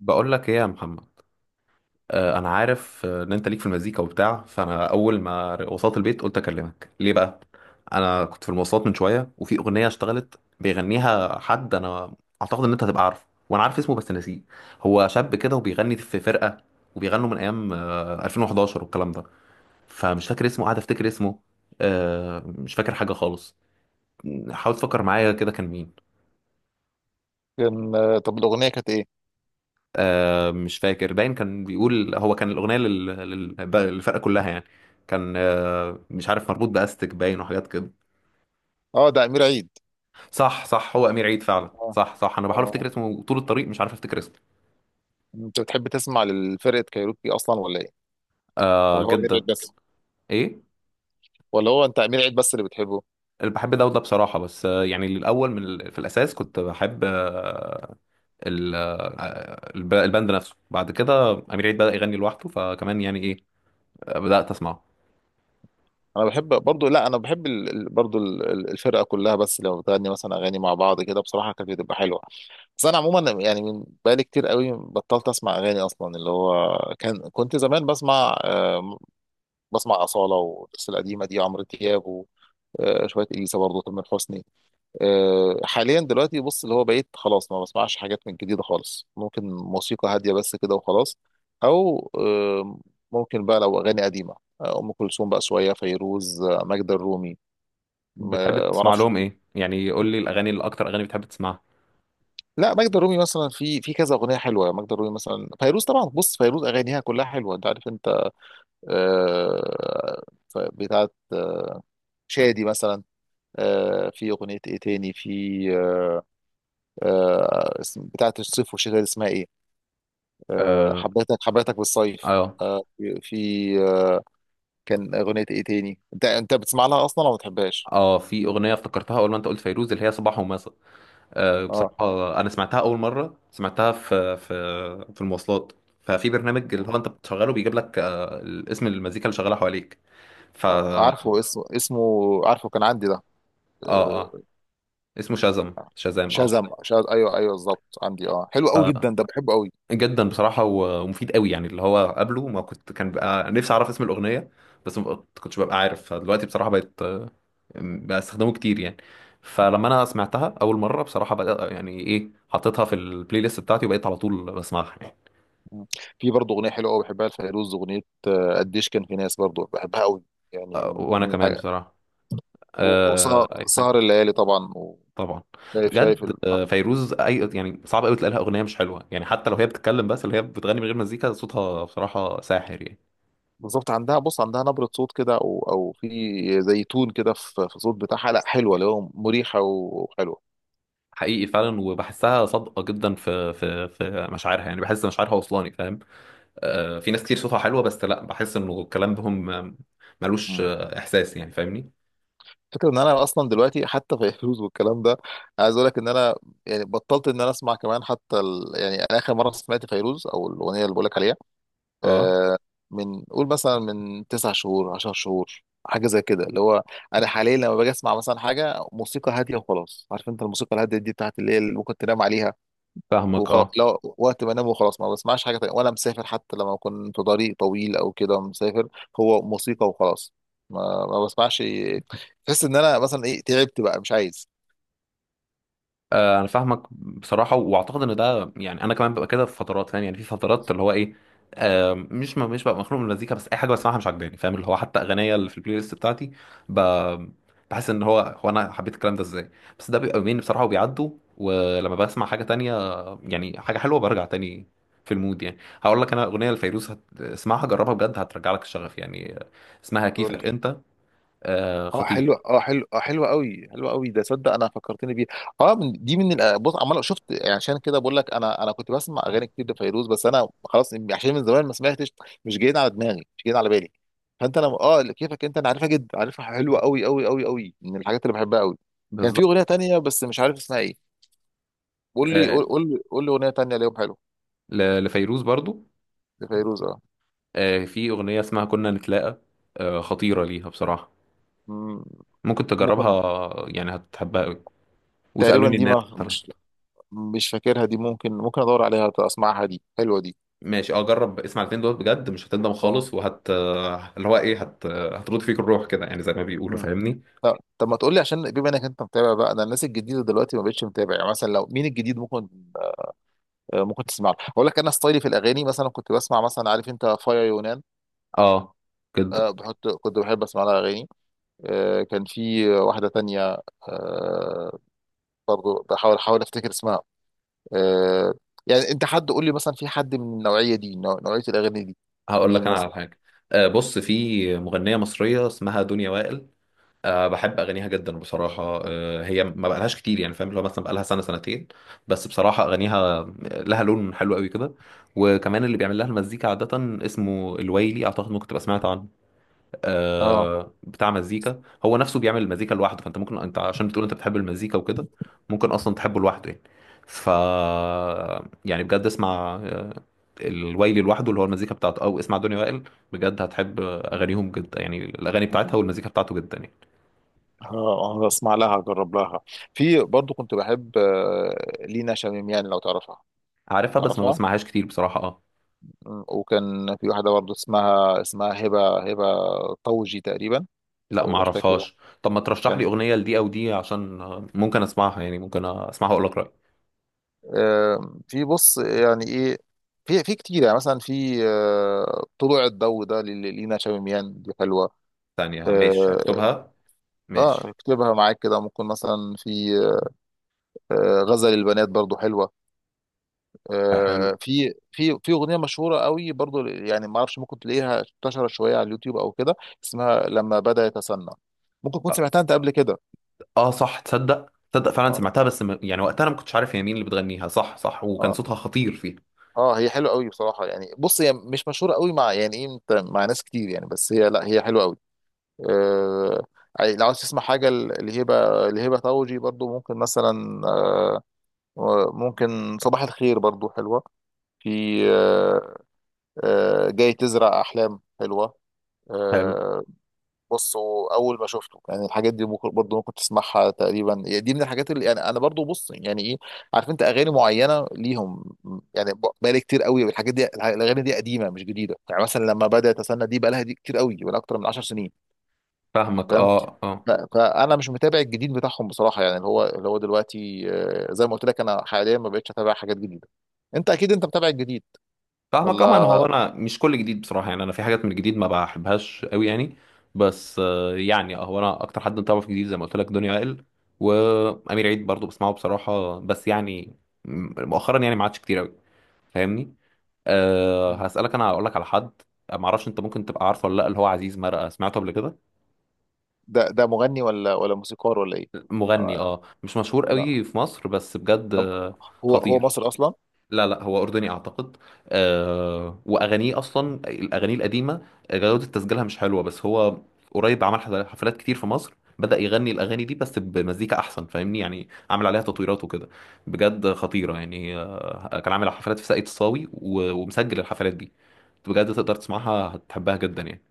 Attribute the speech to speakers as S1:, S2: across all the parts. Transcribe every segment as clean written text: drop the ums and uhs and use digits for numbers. S1: بقول لك ايه يا محمد. انا عارف ان انت ليك في المزيكا وبتاع، فانا اول ما وصلت البيت قلت اكلمك ليه بقى. انا كنت في المواصلات من شويه وفي اغنيه اشتغلت بيغنيها حد، انا اعتقد ان انت هتبقى عارفه وانا عارف اسمه بس نسيه. هو شاب كده وبيغني في فرقه، وبيغنوا من ايام 2011 والكلام ده. فمش فاكر اسمه، قاعد افتكر اسمه. آه، مش فاكر حاجه خالص. حاول تفكر معايا كده كان مين.
S2: كان طب الاغنيه كانت ايه؟
S1: مش فاكر، باين كان بيقول، هو كان الأغنية للفرقة كلها يعني. كان مش عارف، مربوط بأستك باين وحاجات كده.
S2: اه، ده امير عيد.
S1: صح صح، هو أمير عيد فعلا.
S2: اه.
S1: صح صح، أنا بحاول أفتكر
S2: اه.
S1: اسمه طول الطريق، مش عارف أفتكر اسمه.
S2: انت بتحب تسمع للفرقه كايروكي اصلا ولا ايه؟
S1: آه،
S2: ولا هو امير عيد
S1: جدا.
S2: بس؟
S1: إيه؟
S2: ولا انت امير عيد بس اللي بتحبه؟
S1: اللي بحب ده وده بصراحة، بس يعني الأول، في الأساس كنت بحب الباند نفسه، بعد كده أمير عيد بدأ يغني لوحده، فكمان يعني إيه، بدأت أسمعه.
S2: انا بحب برضو، لا انا بحب برضو الفرقه كلها، بس لو بتغني مثلا اغاني مع بعض كده بصراحه كانت بتبقى حلوه. بس انا عموما يعني من بقالي كتير قوي بطلت اسمع اغاني اصلا اللي هو كنت زمان بسمع بسمع اصاله والناس القديمه دي عمرو دياب و... شويه اليسا برضه تامر حسني. حاليا دلوقتي بص اللي هو بقيت خلاص ما بسمعش حاجات من جديدة خالص، ممكن موسيقى هادية بس كده وخلاص، أو ممكن بقى لو أغاني قديمة أم كلثوم، بقى شوية فيروز، ماجدة الرومي. ما
S1: بتحب
S2: ما
S1: تسمع
S2: أعرفش.
S1: لهم إيه يعني؟ قول لي الأغاني الأكتر، أغاني بتحب تسمعها.
S2: لا، ماجدة الرومي مثلا في كذا أغنية حلوة. ماجدة الرومي مثلا، فيروز طبعا، بص فيروز أغانيها كلها حلوة أنت عارف أنت. آه، بتاعت شادي مثلا. في أغنية إيه تاني؟ في آه، بتاعت الصيف والشتاء دي اسمها إيه؟
S1: آه،
S2: حبيتك حبيتك بالصيف.
S1: اه،
S2: آه، في في، آه، كان اغنيه ايه تاني؟ انت بتسمع لها اصلا ولا ما بتحبهاش؟
S1: اه. في اغنيه افتكرتها اول ما انت قلت فيروز، اللي هي صباح ومساء. آه،
S2: اه.
S1: بصراحه انا سمعتها، اول مره سمعتها في في المواصلات. ففي برنامج اللي هو انت بتشغله بيجيب لك اسم المزيكا اللي شغاله حواليك. ف
S2: عارفه اسمه، عارفه كان عندي ده.
S1: اه،
S2: آه،
S1: اسمه شازم، شازام. اه،
S2: شازم ايوه، ايوه بالظبط، عندي اه، حلو قوي جدا ده، بحبه قوي.
S1: جدا بصراحة، و- ومفيد قوي يعني. اللي هو قبله ما كنت، كان بقى نفسي أعرف اسم الأغنية بس ما كنتش ببقى عارف، فدلوقتي بصراحة بقت بقى استخدمه كتير يعني.
S2: مم.
S1: فلما أنا سمعتها أول مرة بصراحة بقى، يعني إيه، حطيتها في البلاي ليست بتاعتي وبقيت على طول بسمعها يعني.
S2: مم. في برضه اغنيه حلوه قوي بحبها لفيروز، اغنيه قديش، كان في ناس برضه بحبها قوي يعني.
S1: آه، وأنا
S2: من
S1: كمان
S2: الحاجة،
S1: بصراحة.
S2: وسهر
S1: آه، أي حاجة.
S2: سهر الليالي طبعا.
S1: طبعا.
S2: وشايف شايف
S1: بجد
S2: ال-
S1: فيروز، أي يعني، صعب قوي تلاقي لها أغنية مش حلوة يعني. حتى لو هي بتتكلم بس، اللي هي بتغني من غير مزيكا، صوتها بصراحة ساحر يعني.
S2: بالظبط، عندها بص، عندها نبرة صوت كده، او في زي تون كده في الصوت بتاعها، لا حلوة اللي هو مريحة وحلوة.
S1: حقيقي فعلا، وبحسها صادقه جدا في في مشاعرها يعني، بحس مشاعرها وصلاني، فاهم؟ آه، في ناس كتير صوتها حلوه بس لا، بحس انه الكلام بهم ملوش
S2: مم.
S1: احساس يعني، فاهمني؟
S2: فكرة ان انا اصلا دلوقتي حتى فيروز والكلام ده، عايز اقول لك ان انا يعني بطلت ان انا اسمع، كمان حتى يعني انا اخر مرة سمعت فيروز او الاغنية اللي بقول لك عليها
S1: اه.
S2: آه من قول مثلا من 9 شهور، 10 شهور، حاجة زي كده، اللي هو انا حاليا لما باجي اسمع مثلا حاجة موسيقى هادية وخلاص. عارف انت الموسيقى الهادية دي بتاعت اللي هي اللي ممكن تنام عليها،
S1: فاهمك،
S2: وخلاص
S1: اه.
S2: لو وقت ما انام وخلاص ما بسمعش حاجه تانية. وانا مسافر حتى لما اكون في طريق طويل او كده مسافر، هو موسيقى وخلاص، ما بسمعش. تحس ان انا مثلا ايه؟ تعبت بقى، مش عايز.
S1: آه، انا فاهمك بصراحه، واعتقد ان ده، يعني انا كمان ببقى كده في فترات، فاهم يعني، في فترات اللي هو ايه، مش، ما مش ببقى مخنوق من المزيكا بس اي حاجه بسمعها مش عاجباني، فاهم؟ اللي هو حتى اغنيه اللي في البلاي ليست بتاعتي، ب- بحس ان هو، هو انا حبيت الكلام ده ازاي. بس ده بيبقى يومين بصراحه وبيعدوا، ولما بسمع حاجه تانية، يعني حاجه حلوه، برجع تاني في المود يعني. هقول لك انا اغنيه لفيروز اسمعها، جربها بجد، هترجع لك الشغف يعني. آه، اسمها
S2: قول
S1: كيفك
S2: لي.
S1: انت. آه،
S2: اه
S1: خطير.
S2: حلو، اه حلو، اه حلو قوي، حلو قوي ده، صدق انا فكرتني بيه. اه من دي، بص عمال شفت؟ يعني عشان كده بقول لك انا كنت بسمع اغاني كتير لفيروز، بس انا خلاص عشان من زمان ما سمعتش، مش جايين على دماغي، مش جايين على بالي. فانت انا اه، كيفك انت انا عارفها جدا، عارفها حلوه قوي قوي قوي قوي، من الحاجات اللي بحبها قوي. كان في
S1: بالظبط.
S2: اغنيه تانية بس مش عارف اسمها ايه.
S1: آه،
S2: قول لي اغنيه تانية ليهم حلو.
S1: لفيروز برضو.
S2: لفيروز اه.
S1: آه، في أغنية اسمها كنا نتلاقى. آه، خطيرة ليها بصراحة.
S2: مم،
S1: ممكن
S2: ممكن.
S1: تجربها يعني، هتحبها قوي.
S2: تقريبا
S1: وسألوني
S2: دي
S1: الناس
S2: ما
S1: مثلا.
S2: مش، مش فاكرها دي، ممكن، ادور عليها اسمعها، دي حلوه دي.
S1: ماشي، اه جرب اسمع الاتنين دول بجد، مش هتندم
S2: اه.
S1: خالص، وهت اللي هو ايه، هت هترد فيك الروح كده يعني، زي ما بيقولوا، فاهمني؟
S2: طب ما تقول لي، عشان بما انك انت متابع بقى، انا الناس الجديده دلوقتي ما بقتش متابع، يعني مثلا لو مين الجديد ممكن؟ ممكن تسمع له، اقول لك انا ستايلي في الاغاني، مثلا كنت بسمع مثلا عارف انت فايا يونان.
S1: اه، جدا.
S2: بحط، كنت بحب اسمع لها اغاني. كان في واحده تانية، آه، برضو احاول افتكر اسمها. آه، يعني انت حد، قول لي مثلا، في حد من النوعيه دي، نوعيه الاغاني دي؟
S1: هقول لك
S2: مين
S1: انا على
S2: مثلا؟
S1: حاجة. آه، بص، في مغنية مصرية اسمها دنيا وائل. أه بحب اغانيها جدا بصراحه. أه هي ما بقالهاش كتير يعني، فاهم؟ اللي هو مثلا بقالها سنه، سنتين. بس بصراحه اغانيها لها لون حلو قوي كده. وكمان اللي بيعمل لها المزيكا عاده اسمه الويلي، اعتقد ممكن تبقى سمعت عنه.
S2: اه.
S1: أه، بتاع مزيكا، هو نفسه بيعمل المزيكا لوحده. فانت ممكن انت، عشان بتقول انت بتحب المزيكا وكده، ممكن اصلا تحبه لوحده يعني. ف، يعني بجد اسمع الويلي لوحده، اللي هو المزيكا بتاعته، او اسمع دنيا وائل. بجد هتحب اغانيهم جدا يعني، الاغاني بتاعتها والمزيكا بتاعته جدا يعني.
S2: اه. اسمع لها، اجرب لها. في برضو كنت بحب لينا شميم، يعني لو تعرفها.
S1: عارفها بس ما
S2: تعرفها؟
S1: بسمعهاش كتير بصراحة، اه.
S2: مم. وكان في واحدة برضه اسمها هبة طوجي تقريبا،
S1: لا ما
S2: أو مش فاكر.
S1: اعرفهاش. طب ما ترشح لي
S2: كان
S1: اغنية لدي او دي، عشان ممكن اسمعها يعني، ممكن اسمعها واقول لك رأيي.
S2: في، بص يعني إيه؟ في كتير يعني، مثلا في طلوع الضوء ده لينا شاميميان دي حلوة.
S1: ثانية، ماشي
S2: اه.
S1: اكتبها. ماشي.
S2: اكتبها معاك كده، ممكن مثلا في غزل البنات برضو حلوة.
S1: آه، حلو،
S2: في أغنية مشهورة قوي برضو، يعني ما اعرفش، ممكن تلاقيها انتشرت شوية على اليوتيوب او كده، اسمها لما بدأ يتسنى. ممكن تكون
S1: اه.
S2: سمعتها انت قبل كده؟
S1: آه، صح. تصدق، تصدق فعلا
S2: آه.
S1: سمعتها، بس م... يعني وقتها انا ما كنتش عارف هي مين اللي بتغنيها. صح صح، وكان
S2: اه.
S1: صوتها خطير فيها.
S2: اه هي حلوه قوي بصراحه، يعني بص هي مش مشهوره قوي مع يعني ايه انت، مع ناس كتير يعني، بس هي لا، هي حلوه قوي. آه، يعني لو عاوز تسمع حاجه لهبه، لهبه طوجي برضو، ممكن مثلا آه، ممكن صباح الخير برضو حلوه. في آه، آه جاي تزرع احلام حلوه.
S1: حلو.
S2: آه، بص، هو اول ما شفته، يعني الحاجات دي ممكن برضه، ممكن تسمعها تقريبا، يعني دي من الحاجات اللي يعني انا برضه، بص يعني ايه، عارف انت اغاني معينه ليهم. يعني بقالي كتير قوي بالحاجات دي، الاغاني دي قديمه مش جديده، يعني مثلا لما بدات استنى دي، بقالها دي كتير قوي، بقالها اكتر من 10 سنين.
S1: فاهمك،
S2: فاهم؟
S1: اه اه.
S2: فانا مش متابع الجديد بتاعهم بصراحه، يعني اللي هو دلوقتي زي ما قلت لك انا حاليا ما بقتش اتابع حاجات جديده. انت اكيد انت متابع الجديد،
S1: فاهمك طبعا.
S2: ولا؟
S1: هو انا مش كل جديد بصراحه يعني، انا في حاجات من الجديد ما بحبهاش قوي يعني. بس يعني هو انا اكتر حد متابعه في الجديد، زي ما قلت لك، دنيا عقل. وامير عيد برضو بسمعه بصراحه، بس يعني مؤخرا يعني ما عادش كتير قوي، فاهمني؟ أه، هسالك، انا هقول لك على حد ما اعرفش انت ممكن تبقى عارفه ولا لا، اللي هو عزيز مرقه، سمعته قبل كده؟
S2: ده مغني ولا موسيقار ولا ايه؟
S1: مغني،
S2: آه،
S1: اه، مش مشهور
S2: لا،
S1: قوي في مصر بس بجد،
S2: ده،
S1: آه،
S2: هو
S1: خطير.
S2: مصري اصلا؟
S1: لا لا، هو أردني أعتقد. آه، وأغانيه أصلا، الأغاني القديمة جودة تسجيلها مش حلوة، بس هو قريب عمل حفلات كتير في مصر، بدأ يغني الأغاني دي بس بمزيكا أحسن، فاهمني؟ يعني عامل عليها تطويرات وكده، بجد خطيرة يعني. آه، كان عامل حفلات في ساقية الصاوي، و- ومسجل الحفلات دي، بجد تقدر تسمعها هتحبها جدا يعني.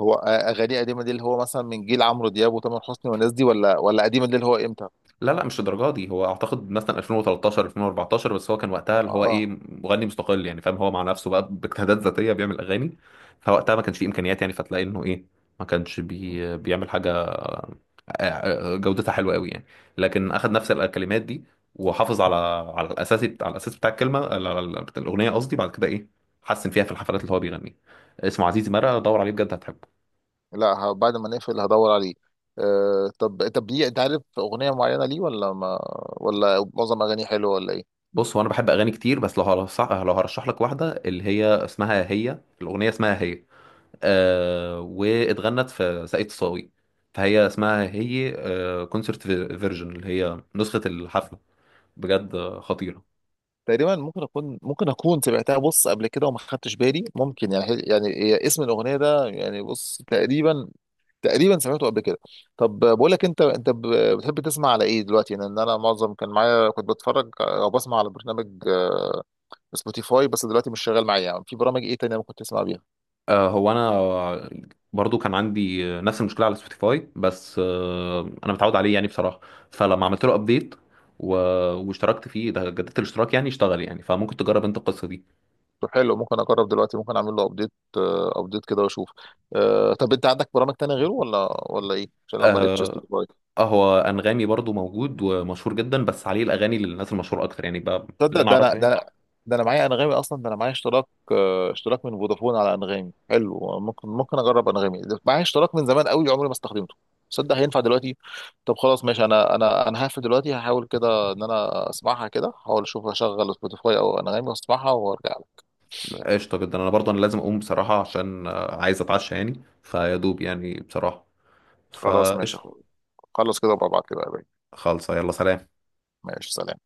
S2: هو اغانيه قديمه دي اللي هو مثلا من جيل عمرو دياب وتامر حسني والناس دي، ولا قديمه دي اللي هو امتى؟
S1: لا لا، مش الدرجه دي، هو اعتقد مثلا 2013، 2014، بس هو كان وقتها
S2: اه.
S1: اللي هو ايه،
S2: آه.
S1: مغني مستقل يعني، فاهم؟ هو مع نفسه بقى باجتهادات ذاتيه بيعمل اغاني. فوقتها ما كانش فيه امكانيات يعني، فتلاقي انه ايه، ما كانش بيعمل حاجه آه، جودتها حلوه قوي يعني. لكن اخد نفس الكلمات دي، وحافظ على على الاساس بتاع الكلمه، على بتاع الاغنيه قصدي، بعد كده ايه حسن فيها في الحفلات اللي هو بيغنيها. اسمه عزيزي مرقه، دور عليه بجد هتحبه.
S2: لا، بعد ما نقفل هدور عليه. آه، طب ليه؟ انت عارف اغنيه معينه ليه، ولا ما، ولا معظم اغانيه حلوه ولا ايه؟
S1: بص هو انا بحب اغاني كتير، بس لو هرشح، لو هرشح لك واحده، اللي هي اسمها، هي الاغنيه اسمها هي، آه، واتغنت في ساقية الصاوي، فهي اسمها هي كونسرت فيرجن، اللي هي نسخه الحفله، بجد خطيره.
S2: تقريبا، ممكن اكون سمعتها، بص قبل كده وما خدتش بالي، ممكن يعني، هي اسم الاغنيه ده يعني، بص تقريبا، تقريبا سمعته قبل كده. طب بقول لك، بتحب تسمع على ايه دلوقتي؟ لان انا معظم كان معايا كنت بتفرج او بسمع على برنامج سبوتيفاي، بس دلوقتي مش شغال معايا. يعني في برامج ايه تانية ممكن تسمع بيها؟
S1: آه، هو انا برضو كان عندي نفس المشكله على سبوتيفاي بس، آه، انا متعود عليه يعني بصراحه. فلما عملت له ابديت و... واشتركت فيه، ده جددت الاشتراك يعني، اشتغل يعني. فممكن تجرب انت القصه دي.
S2: طب حلو، ممكن اجرب دلوقتي، ممكن اعمل له ابديت، ابديت كده واشوف. طب انت عندك برامج تانية غيره، ولا ايه؟ عشان لما لقيتش
S1: آه،
S2: سبوتيفاي.
S1: اه، هو انغامي برضو موجود ومشهور جدا، بس عليه الاغاني للناس المشهوره اكتر يعني بقى، اللي
S2: تصدق،
S1: انا اعرفه
S2: ده
S1: يعني.
S2: انا، ده انا معايا انغامي اصلا، ده انا معايا اشتراك اشتراك من فودافون على انغامي. حلو، ممكن اجرب انغامي، ده معايا اشتراك من زمان قوي عمري ما استخدمته. تصدق هينفع دلوقتي؟ طب خلاص ماشي، انا هقفل دلوقتي، هحاول كده ان انا اسمعها كده، هحاول اشوف اشغل سبوتيفاي او انغامي واسمعها وارجع لك.
S1: قشطه جدا، انا برضو انا لازم اقوم بصراحه، عشان عايز اتعشى يعني، فيا دوب يعني بصراحه،
S2: خلاص ماشي يا
S1: فقشطه
S2: أخويا. خلص كده وببعت كده يا باشا.
S1: خالصه. يلا، سلام.
S2: ماشي، سلام.